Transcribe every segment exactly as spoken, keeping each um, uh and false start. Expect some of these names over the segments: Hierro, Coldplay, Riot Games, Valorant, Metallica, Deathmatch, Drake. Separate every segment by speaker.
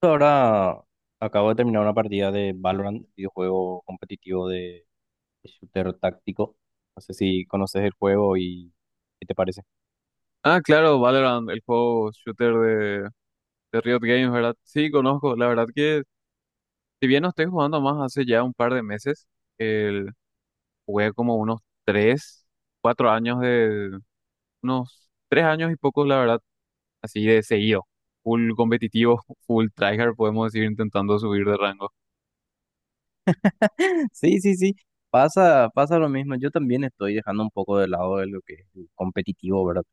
Speaker 1: Ahora acabo de terminar una partida de Valorant, videojuego competitivo de shooter táctico. No sé si conoces el juego y qué te parece.
Speaker 2: Ah, claro, Valorant, el juego shooter de, de Riot Games, ¿verdad? Sí, conozco. La verdad que, si bien no estoy jugando más hace ya un par de meses, el, jugué como unos tres, cuatro años de, unos tres años y pocos, la verdad, así de seguido. Full competitivo, full tryhard, podemos decir, intentando subir de rango.
Speaker 1: Sí, sí, sí. Pasa, pasa lo mismo. Yo también estoy dejando un poco de lado de lo que es el competitivo, ¿verdad?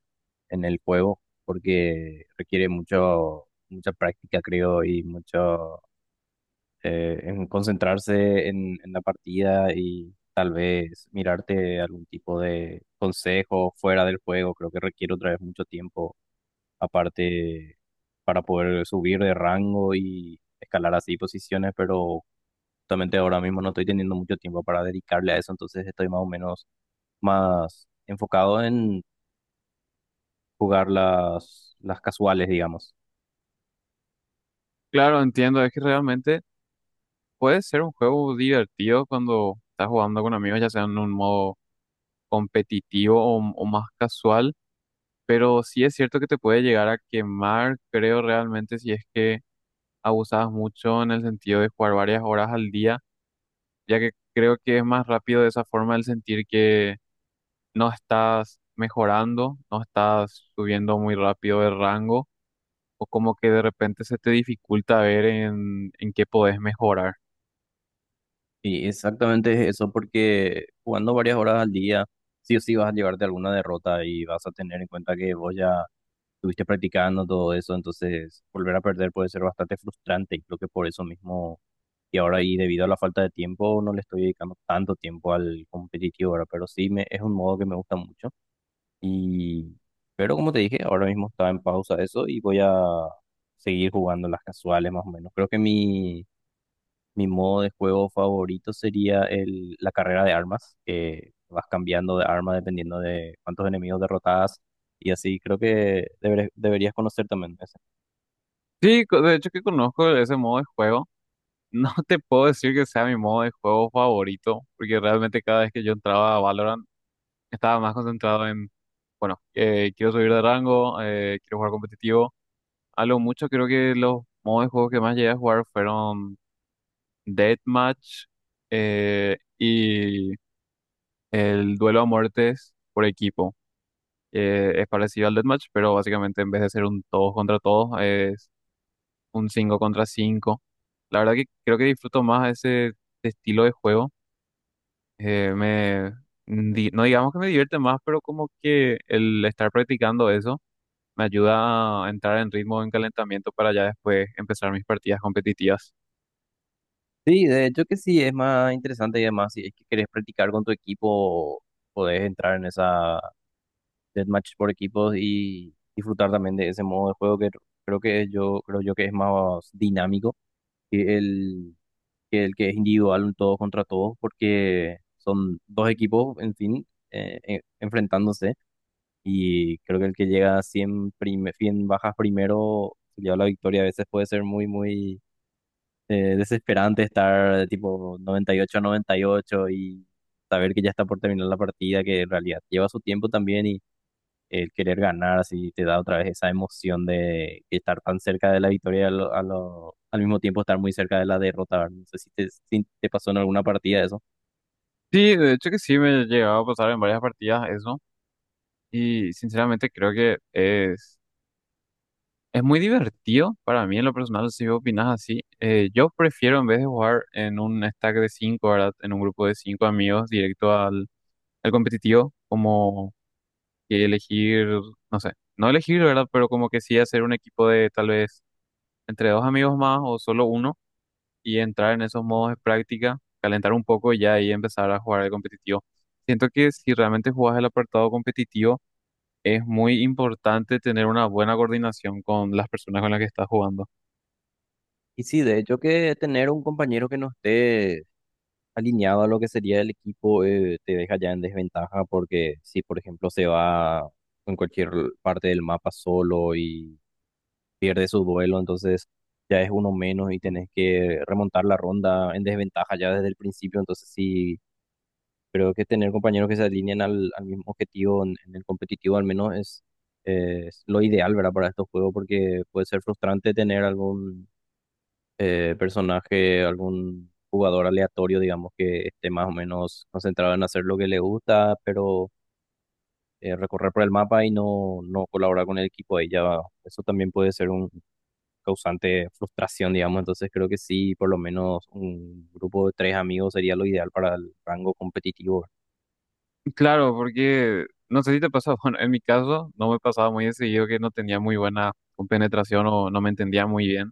Speaker 1: En el juego, porque requiere mucho, mucha práctica, creo, y mucho eh, en concentrarse en, en la partida y tal vez mirarte algún tipo de consejo fuera del juego. Creo que requiere otra vez mucho tiempo aparte para poder subir de rango y escalar así posiciones, pero justamente ahora mismo no estoy teniendo mucho tiempo para dedicarle a eso, entonces estoy más o menos más enfocado en jugar las, las casuales, digamos.
Speaker 2: Claro, entiendo, es que realmente puede ser un juego divertido cuando estás jugando con amigos, ya sea en un modo competitivo o o más casual, pero sí es cierto que te puede llegar a quemar, creo realmente, si es que abusabas mucho en el sentido de jugar varias horas al día, ya que creo que es más rápido de esa forma el sentir que no estás mejorando, no estás subiendo muy rápido de rango, o como que de repente se te dificulta ver en, en qué podés mejorar.
Speaker 1: Y exactamente es eso, porque jugando varias horas al día, sí o sí vas a llevarte alguna derrota y vas a tener en cuenta que vos ya estuviste practicando todo eso, entonces volver a perder puede ser bastante frustrante y creo que por eso mismo, y ahora y debido a la falta de tiempo, no le estoy dedicando tanto tiempo al competitivo ahora, pero sí me, es un modo que me gusta mucho. Y, pero como te dije, ahora mismo está en pausa eso y voy a seguir jugando las casuales más o menos. Creo que mi mi modo de juego favorito sería el, la carrera de armas, que vas cambiando de arma dependiendo de cuántos enemigos derrotas y así creo que deberes- deberías conocer también ese.
Speaker 2: Sí, co- de hecho que conozco ese modo de juego. No te puedo decir que sea mi modo de juego favorito, porque realmente cada vez que yo entraba a Valorant, estaba más concentrado en, bueno, eh, quiero subir de rango, eh, quiero jugar competitivo. A lo mucho creo que los modos de juego que más llegué a jugar fueron Deathmatch, eh, y el duelo a muertes por equipo. Eh, es parecido al Deathmatch, pero básicamente en vez de ser un todos contra todos, es un cinco contra cinco. La verdad que creo que disfruto más ese estilo de juego. Eh, me, di- no digamos que me divierte más, pero como que el estar practicando eso me ayuda a entrar en ritmo, en calentamiento para ya después empezar mis partidas competitivas.
Speaker 1: Sí, de hecho que sí, es más interesante y además si es que querés practicar con tu equipo, podés entrar en esa deathmatch por equipos y disfrutar también de ese modo de juego que creo que es yo creo yo que es más dinámico que el que el que es individual, un todos contra todos, porque son dos equipos, en fin, eh, en- enfrentándose. Y creo que el que llega a cien, prime- cien bajas primero se lleva la victoria. A veces puede ser muy, muy eh, desesperante estar de tipo noventa y ocho a noventa y ocho y saber que ya está por terminar la partida, que en realidad lleva su tiempo también. Y el querer ganar, así te da otra vez esa emoción de estar tan cerca de la victoria y a lo- a lo- al mismo tiempo estar muy cerca de la derrota, ¿verdad? No sé si te, si te pasó en alguna partida eso.
Speaker 2: Sí, de hecho que sí, me llegaba a pasar en varias partidas eso, y sinceramente creo que es, es muy divertido para mí en lo personal, si vos opinás así. Eh, yo prefiero en vez de jugar en un stack de cinco, ¿verdad? En un grupo de cinco amigos directo al, al competitivo, como que elegir, no sé, no elegir, ¿verdad? Pero como que sí hacer un equipo de tal vez entre dos amigos más o solo uno y entrar en esos modos de práctica, calentar un poco y ya ahí empezar a jugar el competitivo. Siento que si realmente jugás el apartado competitivo, es muy importante tener una buena coordinación con las personas con las que estás jugando.
Speaker 1: Y sí, de hecho que tener un compañero que no esté alineado a lo que sería el equipo eh, te deja ya en desventaja porque si, por ejemplo, se va en cualquier parte del mapa solo y pierde su duelo, entonces ya es uno menos y tenés que remontar la ronda en desventaja ya desde el principio, entonces sí, creo que tener compañeros que se alinean al, al mismo objetivo en, en el competitivo al menos es, eh, es lo ideal, ¿verdad? Para estos juegos, porque puede ser frustrante tener algún eh, personaje, algún jugador aleatorio, digamos, que esté más o menos concentrado en hacer lo que le gusta, pero eh, recorrer por el mapa y no, no colaborar con el equipo ahí ya, eso también puede ser un causante de frustración, digamos. Entonces creo que sí, por lo menos un grupo de tres amigos sería lo ideal para el rango competitivo.
Speaker 2: Claro, porque no sé si te pasa, bueno, en mi caso no me pasaba muy de seguido que no tenía muy buena compenetración o no me entendía muy bien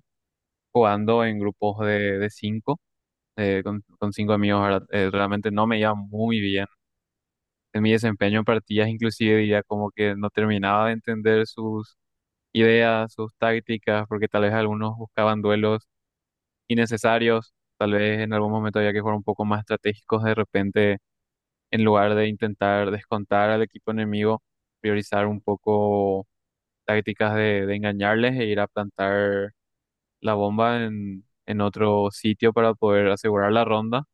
Speaker 2: jugando en grupos de, de cinco, eh, con, con cinco amigos, ¿verdad? Eh, realmente no me iba muy bien en mi desempeño en partidas, inclusive diría como que no terminaba de entender sus ideas, sus tácticas, porque tal vez algunos buscaban duelos innecesarios, tal vez en algún momento había que jugar un poco más estratégicos de repente en lugar de intentar descontar al equipo enemigo, priorizar un poco tácticas de, de engañarles e ir a plantar la bomba en, en otro sitio para poder asegurar la ronda.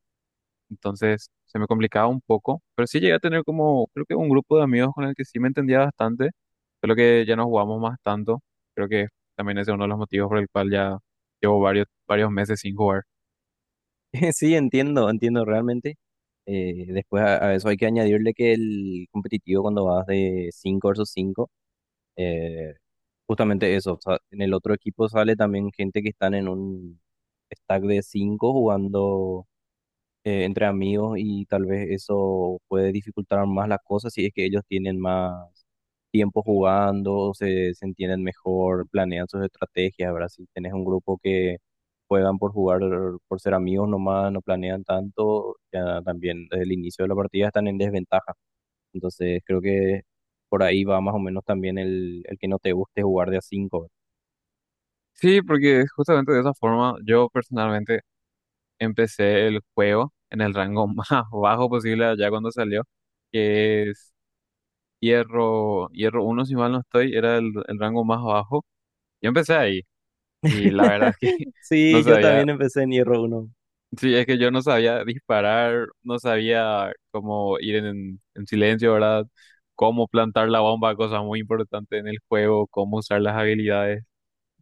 Speaker 2: Entonces se me complicaba un poco, pero sí llegué a tener como, creo que, un grupo de amigos con el que sí me entendía bastante, solo que ya no jugamos más tanto. Creo que también ese es uno de los motivos por el cual ya llevo varios, varios meses sin jugar.
Speaker 1: Sí, entiendo, entiendo realmente. Eh, después a, a eso hay que añadirle que el competitivo cuando vas de cinco versus cinco eh, justamente eso, o sea, en el otro equipo sale también gente que están en un stack de cinco jugando eh, entre amigos y tal vez eso puede dificultar más las cosas si es que ellos tienen más tiempo jugando, se, se entienden mejor, planean sus estrategias, ¿verdad? Si tenés un grupo que juegan por jugar, por ser amigos nomás, no planean tanto, ya también desde el inicio de la partida están en desventaja. Entonces creo que por ahí va más o menos también el, el que no te guste jugar de a cinco.
Speaker 2: Sí, porque justamente de esa forma yo personalmente empecé el juego en el rango más bajo posible allá cuando salió, que es Hierro, Hierro uno si mal no estoy, era el, el rango más bajo. Yo empecé ahí y la verdad es que... No
Speaker 1: Sí, yo
Speaker 2: sabía.
Speaker 1: también empecé en Hierro Uno.
Speaker 2: Sí, es que yo no sabía disparar, no sabía cómo ir en, en silencio, ¿verdad? Cómo plantar la bomba, cosa muy importante en el juego, cómo usar las habilidades.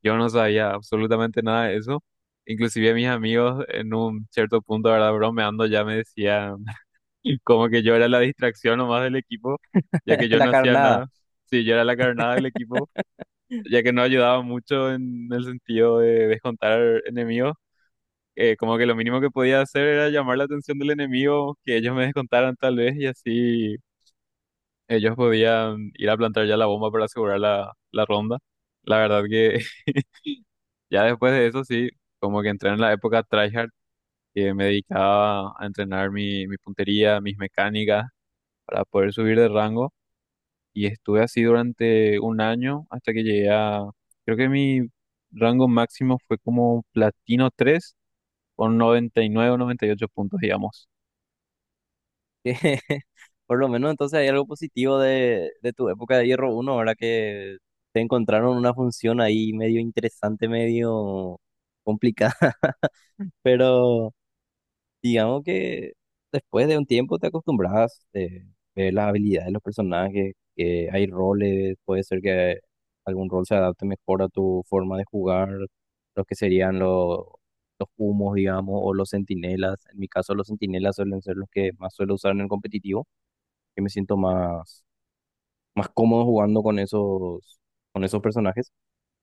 Speaker 2: Yo no sabía absolutamente nada de eso. Inclusive mis amigos en un cierto punto, ¿verdad? Bromeando ya me decían como que yo era la distracción nomás del equipo, ya que yo
Speaker 1: La
Speaker 2: no hacía
Speaker 1: carnada.
Speaker 2: nada. Sí, yo era la carnada del equipo, ya que no ayudaba mucho en el sentido de descontar enemigos. eh, como que lo mínimo que podía hacer era llamar la atención del enemigo, que ellos me descontaran tal vez y así ellos podían ir a plantar ya la bomba para asegurar la, la ronda. La verdad que ya después de eso sí, como que entré en la época tryhard, que me dedicaba a entrenar mi, mi puntería, mis mecánicas para poder subir de rango, y estuve así durante un año hasta que llegué a, creo que, mi rango máximo fue como platino tres con noventa y nueve o noventa y ocho puntos, digamos.
Speaker 1: Que por lo menos entonces hay algo positivo de, de tu época de Hierro uno ahora que te encontraron una función ahí medio interesante, medio complicada, pero digamos que después de un tiempo te acostumbras, eh, ver las habilidades de los personajes, que hay roles, puede ser que algún rol se adapte mejor a tu forma de jugar, los que serían los, los humos, digamos, o los centinelas. En mi caso, los centinelas suelen ser los que más suelo usar en el competitivo, que me siento más, más cómodo jugando con esos, con esos personajes.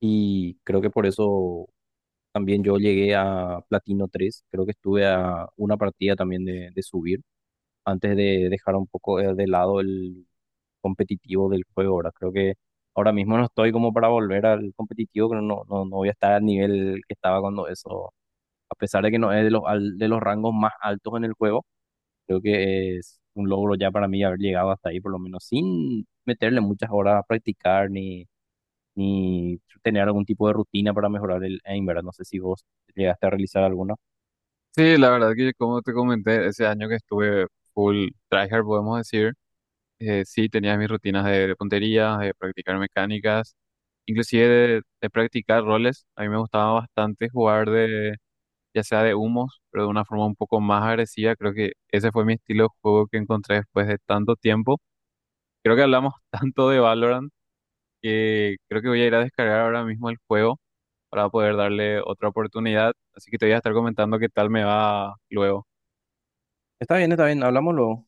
Speaker 1: Y creo que por eso también yo llegué a Platino tres. Creo que estuve a una partida también de, de subir antes de dejar un poco eh, de lado el competitivo del juego. Ahora creo que ahora mismo no estoy como para volver al competitivo, pero no, no, no voy a estar al nivel que estaba cuando eso, a pesar de que no es de los, al- de los rangos más altos en el juego. Creo que es un logro ya para mí haber llegado hasta ahí, por lo menos sin meterle muchas horas a practicar ni, ni tener algún tipo de rutina para mejorar el aim, ¿verdad? No sé si vos llegaste a realizar alguna.
Speaker 2: Sí, la verdad que como te comenté, ese año que estuve full tryhard, podemos decir, eh, sí tenía mis rutinas de, de puntería, de practicar mecánicas, inclusive de, de practicar roles. A mí me gustaba bastante jugar de, ya sea de humos, pero de una forma un poco más agresiva. Creo que ese fue mi estilo de juego que encontré después de tanto tiempo. Creo que hablamos tanto de Valorant que creo que voy a ir a descargar ahora mismo el juego para poder darle otra oportunidad. Así que te voy a estar comentando qué tal me va luego.
Speaker 1: Está bien, está bien, hablamos luego.